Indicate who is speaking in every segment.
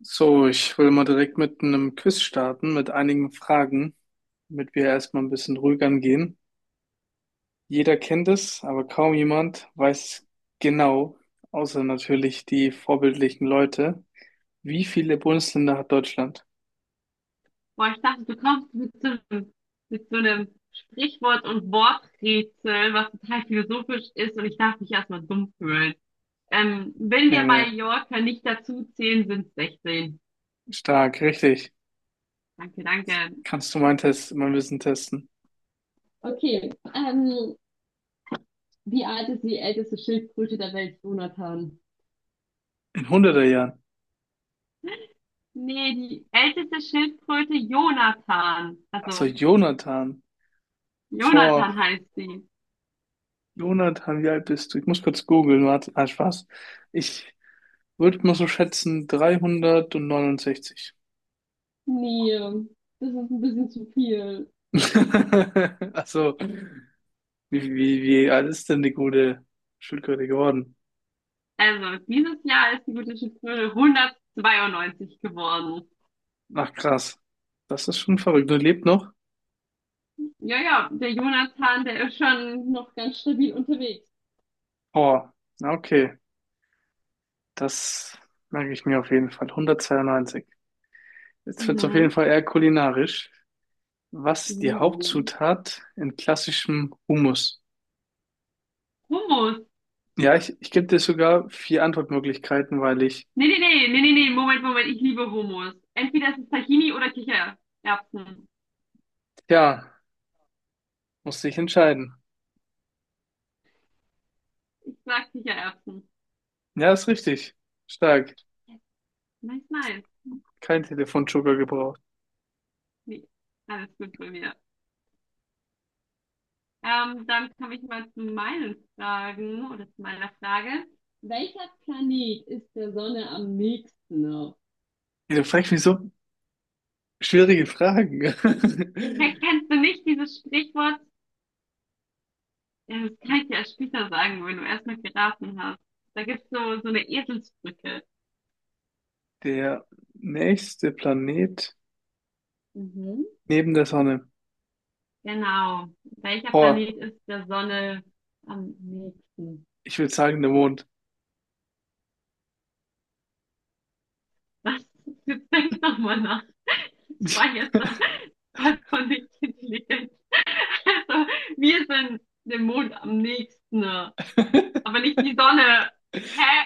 Speaker 1: So, ich will mal direkt mit einem Quiz starten, mit einigen Fragen, damit wir erstmal ein bisschen ruhig angehen. Jeder kennt es, aber kaum jemand weiß es genau, außer natürlich die vorbildlichen Leute. Wie viele Bundesländer hat Deutschland?
Speaker 2: Boah, ich dachte, du kommst mit so einem Sprichwort- und Worträtsel, was total philosophisch ist und ich darf mich erstmal dumm fühlen. Wenn
Speaker 1: Nee,
Speaker 2: wir
Speaker 1: nee,
Speaker 2: Mallorca nicht dazu zählen, sind es 16.
Speaker 1: stark, richtig.
Speaker 2: Danke, danke.
Speaker 1: Kannst du mein Test, mein Wissen testen?
Speaker 2: Okay, wie alt ist die älteste Schildkröte der Welt, Jonathan?
Speaker 1: In 100 Jahren.
Speaker 2: Nee, die älteste Schildkröte Jonathan.
Speaker 1: Ach so,
Speaker 2: Also,
Speaker 1: Jonathan. Vor
Speaker 2: Jonathan heißt sie.
Speaker 1: Jonathan, wie alt bist du? Ich muss kurz googeln, warte. Ah, Spaß. Ich würde mal so schätzen 369.
Speaker 2: Nee, das ist ein bisschen zu viel.
Speaker 1: Also, wie alt ist denn die gute Schildkröte geworden?
Speaker 2: Also, dieses Jahr ist die gute Schütze 192 geworden.
Speaker 1: Ach, krass. Das ist schon verrückt. Du lebt noch?
Speaker 2: Ja, ja, der Jonathan, der ist schon noch ganz stabil unterwegs.
Speaker 1: Oh, na okay. Das merke ich mir auf jeden Fall. 192. Jetzt wird es auf jeden
Speaker 2: Mhm.
Speaker 1: Fall eher kulinarisch. Was ist die
Speaker 2: Uh.
Speaker 1: Hauptzutat in klassischem Hummus?
Speaker 2: Hummus.
Speaker 1: Ja, ich gebe dir sogar vier Antwortmöglichkeiten, weil ich
Speaker 2: Nee, nee, nee, nee, nee, nee, Moment, Moment, ich liebe Hummus. Entweder es ist Tahini oder Kichererbsen.
Speaker 1: ja musste ich entscheiden.
Speaker 2: Ich sag Kichererbsen.
Speaker 1: Ja, ist richtig. Stark.
Speaker 2: Nice, nice.
Speaker 1: Kein Telefonjoker gebraucht.
Speaker 2: Nee, alles gut bei mir. Dann komme ich mal zu meinen Fragen oder zu meiner Frage. Welcher Planet ist der Sonne am nächsten?
Speaker 1: Ihr fragt mich so schwierige Fragen.
Speaker 2: Ja, kennst du nicht dieses Sprichwort? Ja, das kann ich dir erst später sagen, wenn du erstmal geraten hast. Da gibt's so eine Eselsbrücke.
Speaker 1: Der nächste Planet
Speaker 2: Mhm.
Speaker 1: neben der Sonne.
Speaker 2: Genau. Welcher
Speaker 1: Boah,
Speaker 2: Planet ist der Sonne am nächsten?
Speaker 1: ich würde sagen, der Mond.
Speaker 2: Was? Jetzt denk doch mal nach. Ich war jetzt da voll von nicht intelligent. Also, wir sind dem Mond am nächsten, aber nicht die Sonne. Hä?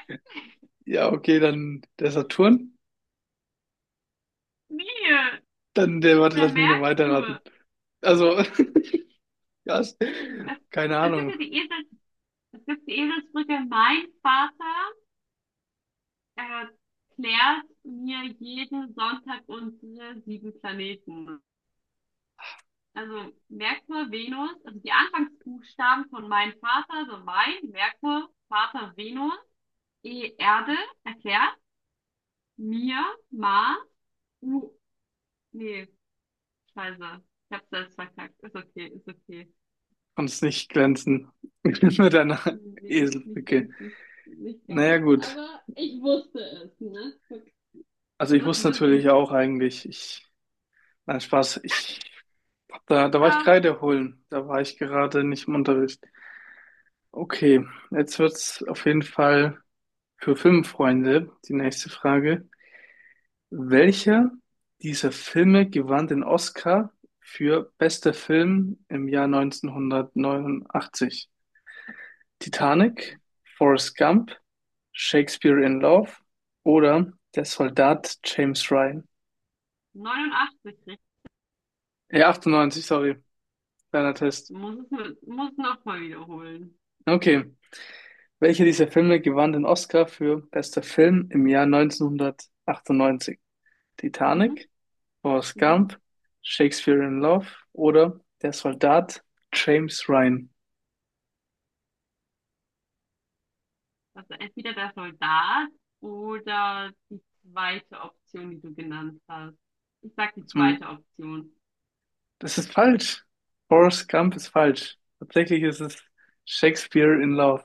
Speaker 1: Ja, okay, dann der Saturn.
Speaker 2: Wie?
Speaker 1: Dann der, warte,
Speaker 2: Der
Speaker 1: lass mich noch weiterraten.
Speaker 2: Merkur.
Speaker 1: Also, ja,
Speaker 2: Es,
Speaker 1: keine
Speaker 2: es gibt
Speaker 1: Ahnung.
Speaker 2: ja die Es gibt die Eselsbrücke. Mein Vater erklärt mir jeden Sonntag unsere sieben Planeten. Also Merkur, Venus, also die Anfangsbuchstaben von mein Vater, also mein, Merkur, Vater, Venus, E, Erde, erklärt mir, Mars, U, nee, scheiße, ich hab's selbst verkackt, ist okay, ist okay.
Speaker 1: Konnt's nicht glänzen mit einer
Speaker 2: Nee, nicht
Speaker 1: Eselbrücke.
Speaker 2: ganz, nicht
Speaker 1: Naja,
Speaker 2: ganz.
Speaker 1: gut.
Speaker 2: Aber ich wusste es, ne?
Speaker 1: Also
Speaker 2: Ich
Speaker 1: ich
Speaker 2: wusste,
Speaker 1: wusste
Speaker 2: dass
Speaker 1: natürlich
Speaker 2: die...
Speaker 1: auch eigentlich, ich. Nein, Spaß. Ich, da war ich Kreide holen. Da war ich gerade nicht im Unterricht. Okay, jetzt wird's auf jeden Fall für Filmfreunde die nächste Frage. Welcher dieser Filme gewann den Oscar für bester Film im Jahr 1989?
Speaker 2: Ja.
Speaker 1: Titanic, Forrest Gump, Shakespeare in Love oder Der Soldat James Ryan?
Speaker 2: 89 richtig.
Speaker 1: 98, sorry. Kleiner Test.
Speaker 2: Muss es, mit- muss nochmal wiederholen.
Speaker 1: Okay. Welcher dieser Filme gewann den Oscar für bester Film im Jahr 1998?
Speaker 2: Mhm,
Speaker 1: Titanic, Forrest
Speaker 2: mhm.
Speaker 1: Gump, Shakespeare in Love oder Der Soldat James Ryan?
Speaker 2: Also entweder der Soldat oder die zweite Option, die du genannt hast. Ich sag die
Speaker 1: Also man-
Speaker 2: zweite Option.
Speaker 1: Das ist falsch. Forrest Gump ist falsch. Tatsächlich ist es Shakespeare in Love.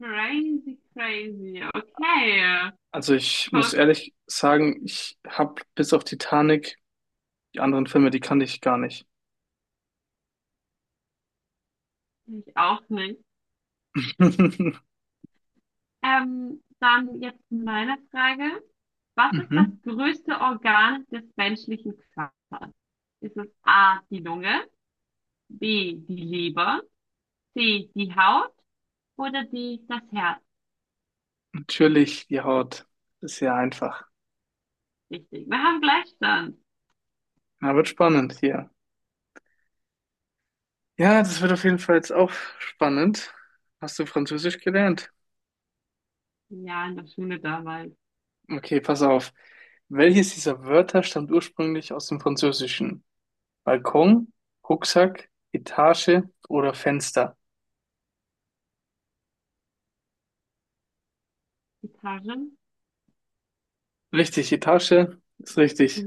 Speaker 2: Crazy, crazy. Okay.
Speaker 1: Also ich muss
Speaker 2: Guck,
Speaker 1: ehrlich sagen, ich habe bis auf Titanic die anderen Filme, die kannte ich gar nicht.
Speaker 2: ich auch nicht. Dann jetzt meine Frage. Was ist das
Speaker 1: Mhm.
Speaker 2: größte Organ des menschlichen Körpers? Ist es A, die Lunge, B, die Leber, die Haut oder das Herz?
Speaker 1: Natürlich die Haut. Ist ja einfach.
Speaker 2: Richtig. Wir haben Gleichstand.
Speaker 1: Na, wird spannend hier. Ja, das wird auf jeden Fall jetzt auch spannend. Hast du Französisch gelernt?
Speaker 2: Ja, in der Schule damals.
Speaker 1: Okay, pass auf. Welches dieser Wörter stammt ursprünglich aus dem Französischen? Balkon, Rucksack, Etage oder Fenster?
Speaker 2: Gitarren.
Speaker 1: Richtig, Etage ist richtig.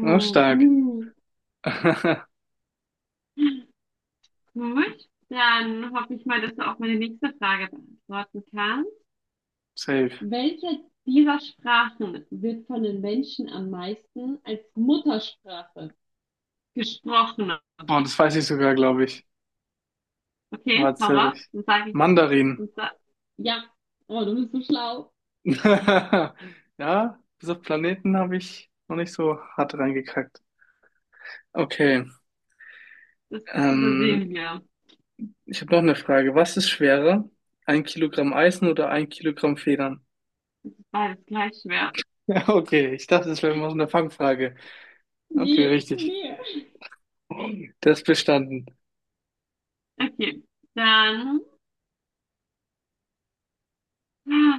Speaker 1: Ja, stark.
Speaker 2: Dann hoffe ich mal, dass du auch meine nächste Frage beantworten kannst.
Speaker 1: Safe.
Speaker 2: Welche dieser Sprachen wird von den Menschen am meisten als Muttersprache gesprochen?
Speaker 1: Oh, das weiß ich sogar, glaube ich. Aber
Speaker 2: Okay, hau
Speaker 1: erzähl
Speaker 2: raus.
Speaker 1: ich.
Speaker 2: Dann sage ich,
Speaker 1: Mandarin.
Speaker 2: dann sa- ja, oh, du bist so schlau.
Speaker 1: Ja, bis auf Planeten habe ich noch nicht so hart reingekackt. Okay.
Speaker 2: Das
Speaker 1: Ähm,
Speaker 2: übersehen wir.
Speaker 1: ich habe noch eine Frage. Was ist schwerer? Ein Kilogramm Eisen oder ein Kilogramm Federn?
Speaker 2: Beides gleich schwer.
Speaker 1: Okay, ich dachte, das wäre mal so eine Fangfrage. Okay,
Speaker 2: Nee,
Speaker 1: richtig.
Speaker 2: nee.
Speaker 1: Das ist bestanden.
Speaker 2: Okay, dann ah,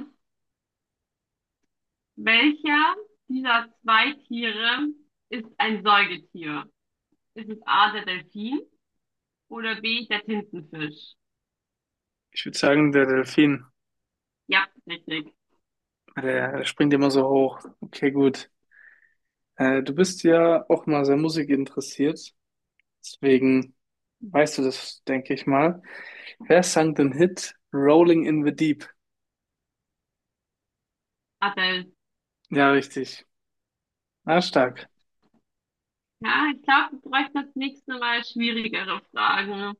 Speaker 2: welcher dieser zwei Tiere ist ein Säugetier? Ist es A, der Delfin oder B, der Tintenfisch?
Speaker 1: Ich würde sagen, der Delfin,
Speaker 2: Ja, richtig.
Speaker 1: der springt immer so hoch. Okay, gut. Du bist ja auch mal sehr musikinteressiert. Deswegen weißt du das, denke ich mal. Wer sang den Hit Rolling in the Deep?
Speaker 2: Adel.
Speaker 1: Ja, richtig. Na, stark.
Speaker 2: Ja, ich glaube, wir bräuchten das nächste Mal schwierigere Fragen.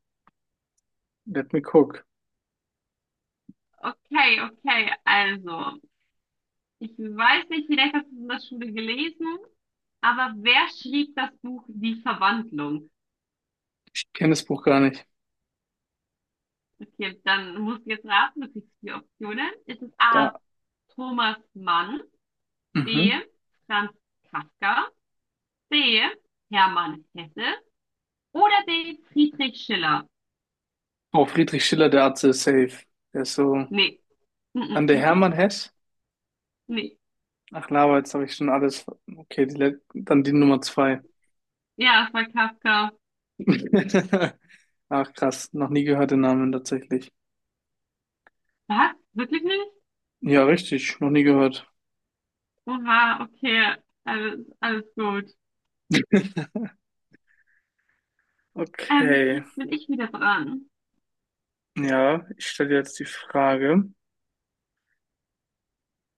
Speaker 1: Let me cook.
Speaker 2: Okay, okay, also, ich weiß nicht, vielleicht hast du es in der Schule gelesen, aber wer schrieb das Buch Die Verwandlung?
Speaker 1: Ich kenne das Buch gar nicht.
Speaker 2: Okay, dann musst du jetzt raten, du kriegst vier Optionen. Ist es A.
Speaker 1: Da.
Speaker 2: Thomas Mann, B.
Speaker 1: Mhm.
Speaker 2: Franz Kafka, C. Hermann Hesse oder D. Friedrich Schiller?
Speaker 1: Oh, Friedrich Schiller, der Atze ist safe. Der ist so
Speaker 2: Nee. Mm -mm,
Speaker 1: an der
Speaker 2: mm -mm.
Speaker 1: Hermann Hess.
Speaker 2: Nee.
Speaker 1: Ach, Lava, jetzt habe ich schon alles. Okay, die, dann die Nummer zwei.
Speaker 2: Ja, es war Kafka.
Speaker 1: Ach, krass, noch nie gehört den Namen tatsächlich.
Speaker 2: Was? Wirklich nicht?
Speaker 1: Ja, richtig, noch nie gehört.
Speaker 2: Oha, okay. Alles, alles gut.
Speaker 1: Okay,
Speaker 2: Jetzt bin ich wieder dran.
Speaker 1: ja, ich stelle dir jetzt die Frage,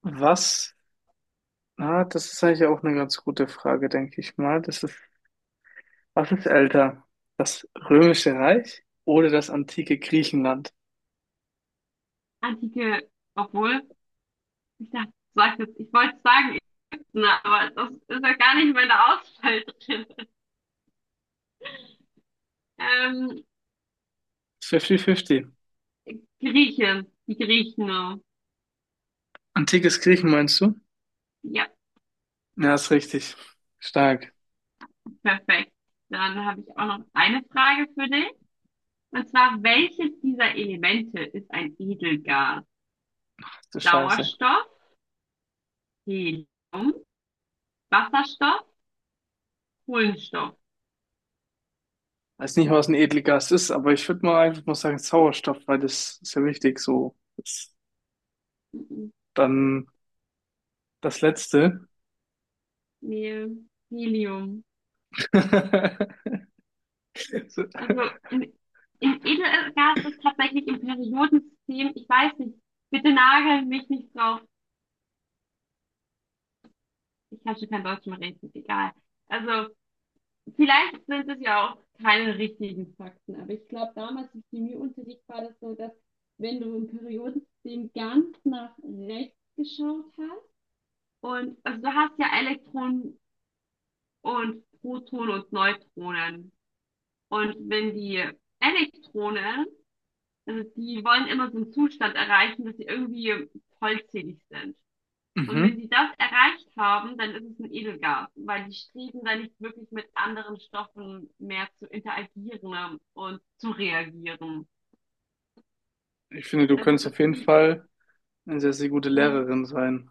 Speaker 1: was, ah, das ist eigentlich auch eine ganz gute Frage, denke ich mal. Das ist, was ist älter? Das Römische Reich oder das antike Griechenland?
Speaker 2: Antike, obwohl, ich dachte, ich sag jetzt, ich wollte sagen, Ibsen, aber das ist ja gar nicht meine Auswahl drin. Ähm,
Speaker 1: 50-50.
Speaker 2: Grieche, die Griechen. Oh.
Speaker 1: Antikes Griechen meinst du?
Speaker 2: Ja,
Speaker 1: Ja, ist richtig. Stark.
Speaker 2: perfekt. Dann habe ich auch noch eine Frage für dich. Und zwar, welches dieser Elemente ist ein Edelgas?
Speaker 1: Ach du Scheiße.
Speaker 2: Sauerstoff, Helium, Wasserstoff, Kohlenstoff.
Speaker 1: Weiß nicht, was ein Edelgas ist, aber ich würde mal einfach mal sagen Sauerstoff, weil das ist ja wichtig. So, das,
Speaker 2: Mhm.
Speaker 1: dann das Letzte.
Speaker 2: Nee, Helium.
Speaker 1: So.
Speaker 2: Also im, im Edelgas ist tatsächlich im Periodensystem, ich weiß nicht, bitte nagel mich nicht drauf. Ich kann schon kein Deutsch mehr reden, egal. Also vielleicht sind es ja auch keine richtigen Fakten, aber ich glaube, damals im Chemieunterricht war das so, dass wenn du im Periodensystem ganz nach rechts geschaut hast und also du hast ja Elektronen und Protonen und Neutronen. Und wenn die Elektronen, also die wollen immer so einen Zustand erreichen, dass sie irgendwie vollzählig sind. Und wenn
Speaker 1: Mhm.
Speaker 2: die das erreicht haben, dann ist es ein Edelgas, weil die Streben dann nicht wirklich mit anderen Stoffen mehr zu interagieren und zu reagieren.
Speaker 1: Ich finde, du
Speaker 2: Deshalb
Speaker 1: könntest auf
Speaker 2: ist
Speaker 1: jeden Fall eine sehr, sehr gute
Speaker 2: Helium
Speaker 1: Lehrerin sein.